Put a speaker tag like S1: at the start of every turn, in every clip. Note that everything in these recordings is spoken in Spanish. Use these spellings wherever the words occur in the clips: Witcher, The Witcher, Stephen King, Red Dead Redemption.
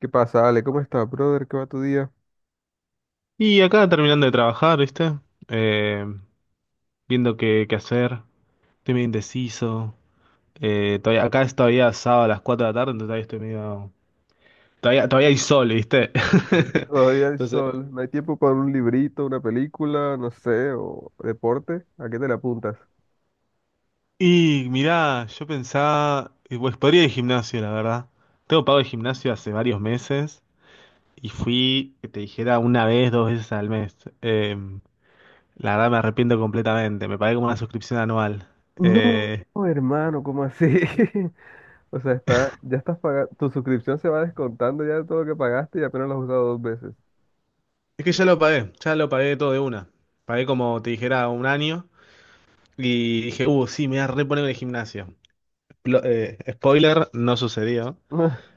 S1: ¿Qué pasa, Ale? ¿Cómo estás, brother? ¿Qué va tu día?
S2: Y acá terminando de trabajar, ¿viste? Eh, viendo qué hacer. Estoy medio indeciso. Todavía, acá es todavía sábado a las 4 de la tarde, entonces todavía estoy medio. Todavía hay sol, ¿viste?
S1: Todavía hay
S2: Entonces.
S1: sol, no hay tiempo para un librito, una película, no sé, o deporte. ¿A qué te le apuntas?
S2: Y mirá, yo pensaba, pues podría ir al gimnasio, la verdad. Tengo pago de gimnasio hace varios meses y fui, que te dijera, una vez, dos veces al mes. Eh, la verdad me arrepiento completamente. Me pagué como una suscripción anual.
S1: No,
S2: Eh,
S1: hermano, ¿cómo así? O sea, ya estás pagando, tu suscripción se va descontando ya de todo lo que pagaste y apenas lo has usado dos veces.
S2: Es que ya lo pagué todo de una. Pagué como te dijera un año y dije, sí, me voy a reponer en el gimnasio. Spoiler, no sucedió.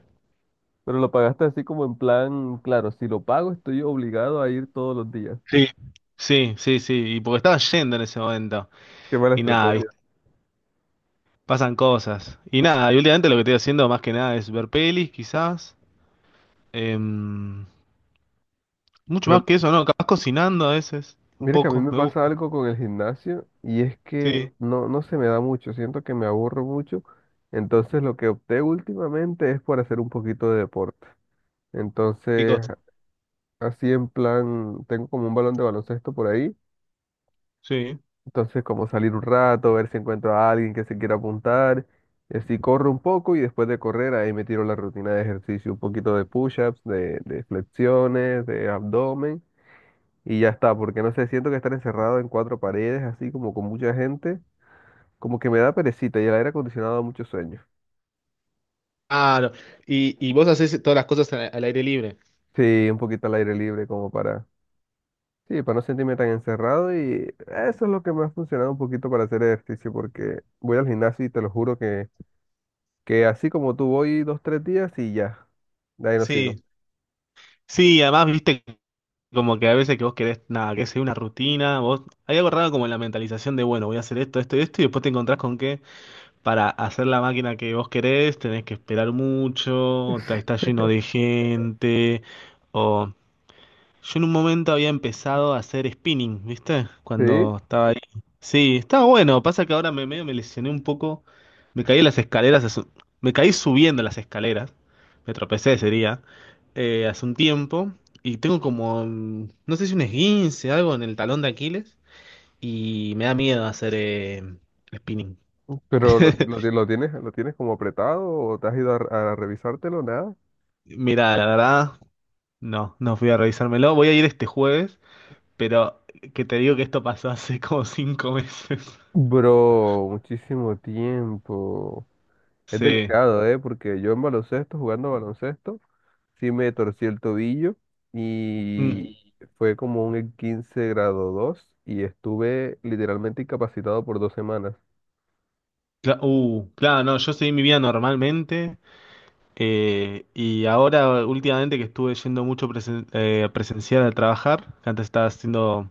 S1: Pero lo pagaste así como en plan, claro, si lo pago estoy obligado a ir todos los días.
S2: Sí. Sí, sí, sí, y porque estaba yendo en ese momento.
S1: Qué mala
S2: Y nada, ¿viste?
S1: estrategia.
S2: Pasan cosas. Y nada, y últimamente lo que estoy haciendo más que nada es ver pelis, quizás. Em, Mucho más
S1: Pero
S2: que eso, ¿no? Capaz cocinando a veces, un
S1: mira que a mí
S2: poco,
S1: me
S2: me gusta.
S1: pasa algo con el gimnasio y es que
S2: Sí,
S1: no, no se me da mucho, siento que me aburro mucho, entonces lo que opté últimamente es por hacer un poquito de deporte.
S2: qué
S1: Entonces,
S2: cosa.
S1: así en plan, tengo como un balón de baloncesto por ahí,
S2: Sí.
S1: entonces como salir un rato, ver si encuentro a alguien que se quiera apuntar, y así corro un poco y después de correr ahí me tiro la rutina de ejercicio, un poquito de push-ups, de flexiones, de abdomen. Y ya está, porque no sé, siento que estar encerrado en cuatro paredes, así como con mucha gente, como que me da perecita y el aire acondicionado da mucho sueño.
S2: Claro. Y vos haces todas las cosas al aire libre.
S1: Sí, un poquito al aire libre como para, sí, para no sentirme tan encerrado y eso es lo que me ha funcionado un poquito para hacer ejercicio, porque voy al gimnasio y te lo juro que así como tú voy dos, tres días y ya, de ahí no sigo.
S2: Sí. Sí, además, viste. Como que a veces que vos querés, nada, que sea una rutina, vos, hay algo raro como en la mentalización de, bueno, voy a hacer esto, esto y esto, y después te encontrás con que para hacer la máquina que vos querés tenés que esperar mucho, está lleno de gente, o yo en un momento había empezado a hacer spinning, ¿viste?
S1: Sí,
S2: Cuando estaba ahí. Sí, estaba bueno. Pasa que ahora me medio me lesioné un poco. Me caí en las escaleras. Me caí subiendo las escaleras. Me tropecé, sería, hace un tiempo. Y tengo como, no sé si un esguince, algo en el talón de Aquiles. Y me da miedo hacer spinning.
S1: pero lo tienes como apretado o te has ido a revisártelo, nada.
S2: Mira, la verdad, no, no fui a revisármelo. Voy a ir este jueves, pero que te digo que esto pasó hace como 5 meses.
S1: Bro, muchísimo tiempo. Es
S2: Sí.
S1: delicado, ¿eh? Porque yo en baloncesto, jugando baloncesto, sí me torcí el tobillo y
S2: Mm,
S1: fue como un 15 grado 2 y estuve literalmente incapacitado por 2 semanas.
S2: claro, no, yo seguí mi vida normalmente, y ahora últimamente que estuve yendo mucho presencial a trabajar, que antes estaba haciendo,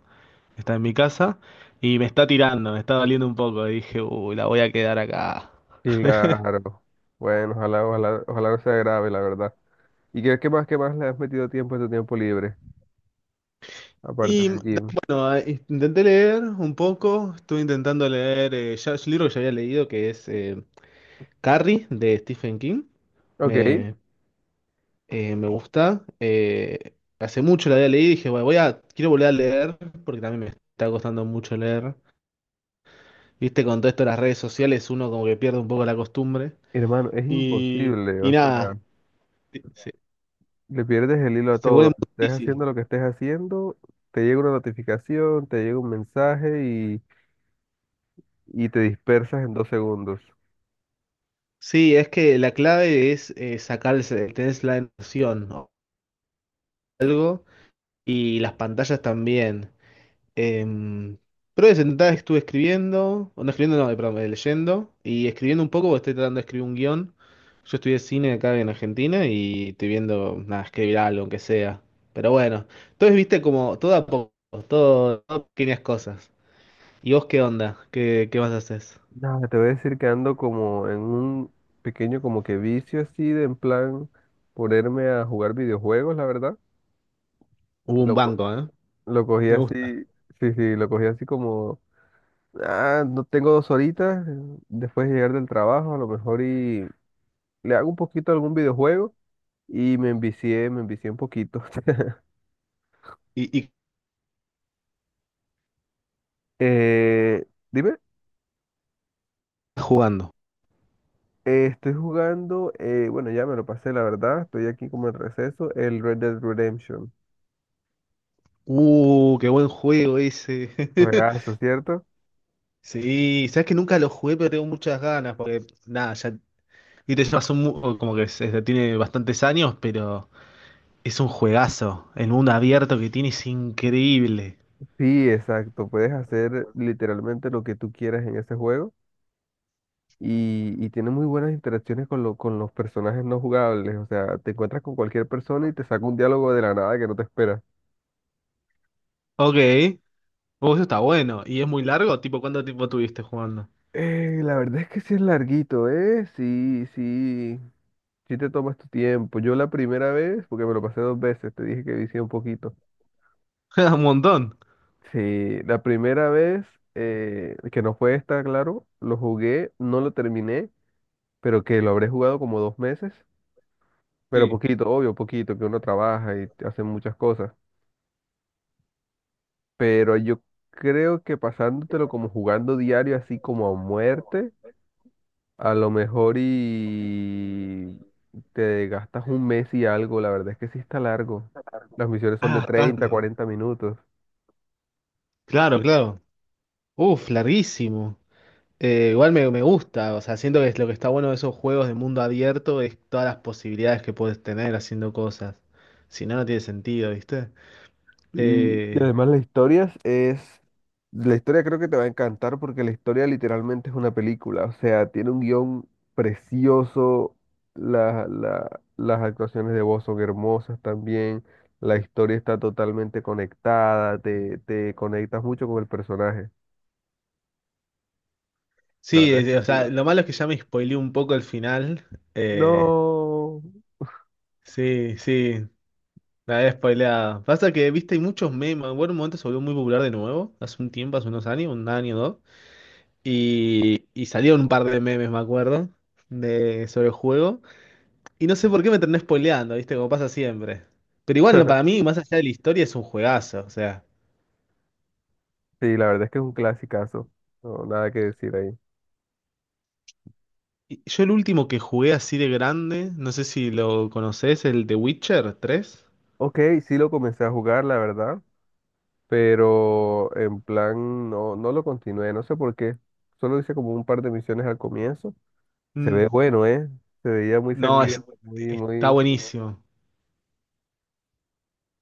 S2: estaba en mi casa y me está tirando, me está doliendo un poco y dije, uy, la voy a quedar acá.
S1: Claro. Bueno, ojalá, ojalá, ojalá no sea grave, la verdad. ¿Y qué más le has metido tiempo a tu tiempo libre, aparte
S2: Y
S1: del gym?
S2: bueno, intenté leer un poco, estuve intentando leer ya, es un libro que ya había leído que es Carrie de Stephen King.
S1: Ok,
S2: Me, Me gusta. Hace mucho la había leído y dije, bueno, quiero volver a leer porque también me está costando mucho leer. Viste, con todo esto de las redes sociales uno como que pierde un poco la costumbre.
S1: hermano, es
S2: Y,
S1: imposible,
S2: y
S1: o
S2: nada,
S1: sea,
S2: se,
S1: le pierdes el hilo a
S2: se
S1: todo.
S2: vuelve muy
S1: Estés
S2: difícil.
S1: haciendo lo que estés haciendo, te llega una notificación, te llega un mensaje y te dispersas en 2 segundos.
S2: Sí, es que la clave es sacarse, tenés la emoción o algo y las pantallas también. Em, pero de sentada estuve escribiendo, o no escribiendo, no, perdón, leyendo y escribiendo un poco, porque estoy tratando de escribir un guión. Yo estudié cine acá en Argentina y estoy viendo, nada, escribir algo, aunque sea. Pero bueno, entonces viste como todo a poco, todo, todo pequeñas cosas. ¿Y vos qué onda? ¿Qué más haces?
S1: Nada, te voy a decir que ando como en un pequeño como que vicio así de en plan ponerme a jugar videojuegos, la verdad.
S2: Hubo un
S1: Lo, co-
S2: banco, ¿eh?
S1: lo cogí
S2: Me gusta.
S1: así, sí, sí, lo cogí así como, ah, no tengo dos horitas después de llegar del trabajo, a lo mejor y le hago un poquito a algún videojuego y me envicié un poquito.
S2: ¿Y qué
S1: Dime.
S2: estás jugando?
S1: Estoy jugando, bueno, ya me lo pasé, la verdad, estoy aquí como en receso, el Red Dead Redemption.
S2: Qué buen juego ese.
S1: Juegazo, ¿cierto?
S2: Sí, sabes que nunca lo jugué, pero tengo muchas ganas, porque nada, ya. Y te llevas un como que tiene bastantes años, pero es un juegazo. El mundo abierto que tiene es increíble.
S1: Sí, exacto. Puedes hacer literalmente lo que tú quieras en ese juego y tiene muy buenas interacciones con los personajes no jugables. O sea, te encuentras con cualquier persona y te saca un diálogo de la nada que no te esperas.
S2: Ok. Oh, eso está bueno. ¿Y es muy largo? Tipo, ¿cuánto tiempo tuviste jugando?
S1: La verdad es que sí es larguito, ¿eh? Sí, sí, sí te tomas tu tiempo. Yo la primera vez, porque me lo pasé dos veces, te dije que vicié un poquito.
S2: Un montón.
S1: Sí, la primera vez, que no fue esta, claro, lo jugué, no lo terminé, pero que lo habré jugado como 2 meses. Pero
S2: Sí.
S1: poquito, obvio, poquito, que uno trabaja y hace muchas cosas. Pero yo creo que pasándotelo como jugando diario, así como a muerte, a lo mejor y te gastas un mes y algo. La verdad es que sí está largo. Las misiones son de
S2: Ah,
S1: 30
S2: bastante.
S1: 40 minutos.
S2: Claro, claro. Uf, larguísimo. Igual me gusta, o sea, siento que es lo que está bueno de esos juegos de mundo abierto es todas las posibilidades que puedes tener haciendo cosas. Si no, no tiene sentido, ¿viste?
S1: Y
S2: Eh,
S1: además la historia creo que te va a encantar porque la historia literalmente es una película, o sea, tiene un guión precioso, las actuaciones de voz son hermosas también, la historia está totalmente conectada, te conectas mucho con el personaje, la
S2: Sí,
S1: verdad es
S2: o
S1: que
S2: sea,
S1: sí.
S2: lo malo es que ya me spoileé un poco el final. Eh,
S1: No,
S2: sí, sí, la había spoileado. Pasa que, viste, hay muchos memes. Bueno, en un momento se volvió muy popular de nuevo, hace un tiempo, hace unos años, un año o dos. Y salieron un par de memes, me acuerdo, sobre el juego. Y no sé por qué me terminé spoileando, viste, como pasa siempre. Pero igual, no, para mí, más allá de la historia, es un juegazo, o sea.
S1: sí, la verdad es que es un clasicazo, no, nada que decir ahí.
S2: Y yo el último que jugué así de grande, no sé si lo conoces, el de Witcher 3.
S1: Ok, sí lo comencé a jugar, la verdad. Pero en plan no, no lo continué, no sé por qué. Solo hice como un par de misiones al comienzo. Se ve bueno, ¿eh? Se veía muy
S2: No,
S1: sangriento, muy,
S2: está
S1: muy...
S2: buenísimo.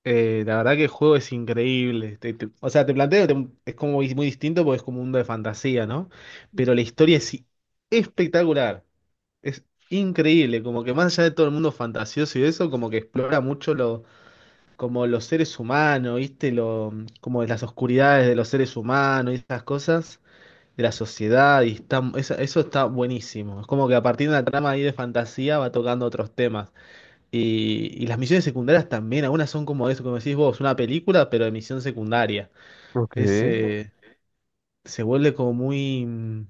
S2: La verdad que el juego es increíble. O sea, te planteo, es como muy muy distinto porque es como un mundo de fantasía, ¿no? Pero la historia es espectacular. Es increíble, como que más allá de todo el mundo fantasioso y eso, como que explora mucho lo, como los seres humanos, ¿viste? Lo, como las oscuridades de los seres humanos y esas cosas, de la sociedad, y está, eso está buenísimo. Es como que a partir de una trama ahí de fantasía va tocando otros temas. Y las misiones secundarias también, algunas son como eso, como decís vos, una película, pero de misión secundaria.
S1: Ok,
S2: Es,
S1: se
S2: eh, Se vuelve como muy,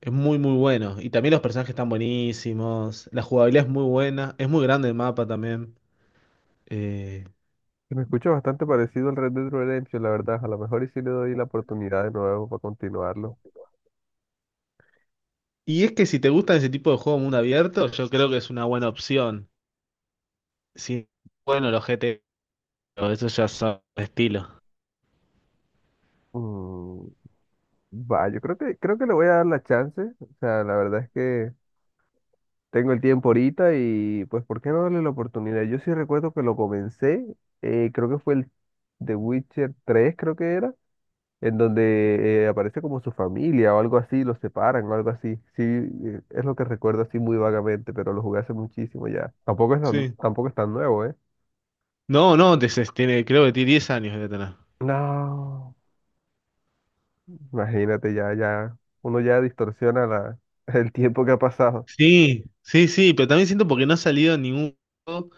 S2: es muy, muy bueno. Y también los personajes están buenísimos. La jugabilidad es muy buena. Es muy grande el mapa también. Eh,
S1: me escucha bastante parecido al Red Dead Redemption, la verdad. A lo mejor y si le doy la oportunidad de nuevo para continuarlo.
S2: y es que si te gustan ese tipo de juego mundo abierto, yo creo que es una buena opción. Sí, bueno, los GT, pero eso ya son estilo.
S1: Mm, va, yo creo que le voy a dar la chance. O sea, la verdad es que tengo el tiempo ahorita y pues, ¿por qué no darle la oportunidad? Yo sí recuerdo que lo comencé, creo que fue el The Witcher 3, creo que era, en donde aparece como su familia o algo así, los separan o algo así. Sí, es lo que recuerdo así muy vagamente, pero lo jugué hace muchísimo ya.
S2: Sí.
S1: Tampoco es tan nuevo, ¿eh?
S2: No, no, tiene, creo que tiene 10 años de tener.
S1: No, imagínate ya, ya, uno ya distorsiona la, el tiempo que ha pasado.
S2: Sí, sí, sí, pero también siento porque no ha salido ningún juego,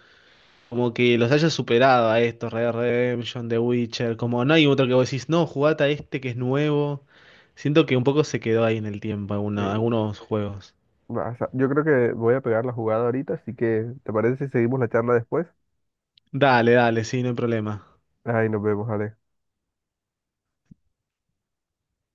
S2: como que los hayas superado a estos, Red Dead Redemption, The Witcher, como no hay otro que vos decís, no, jugate a este que es nuevo. Siento que un poco se quedó ahí en el tiempo
S1: Eh,
S2: algunos juegos.
S1: yo creo que voy a pegar la jugada ahorita, así que ¿te parece si seguimos la charla después?
S2: Dale, dale, sí, no hay problema.
S1: Ay, nos vemos, Ale.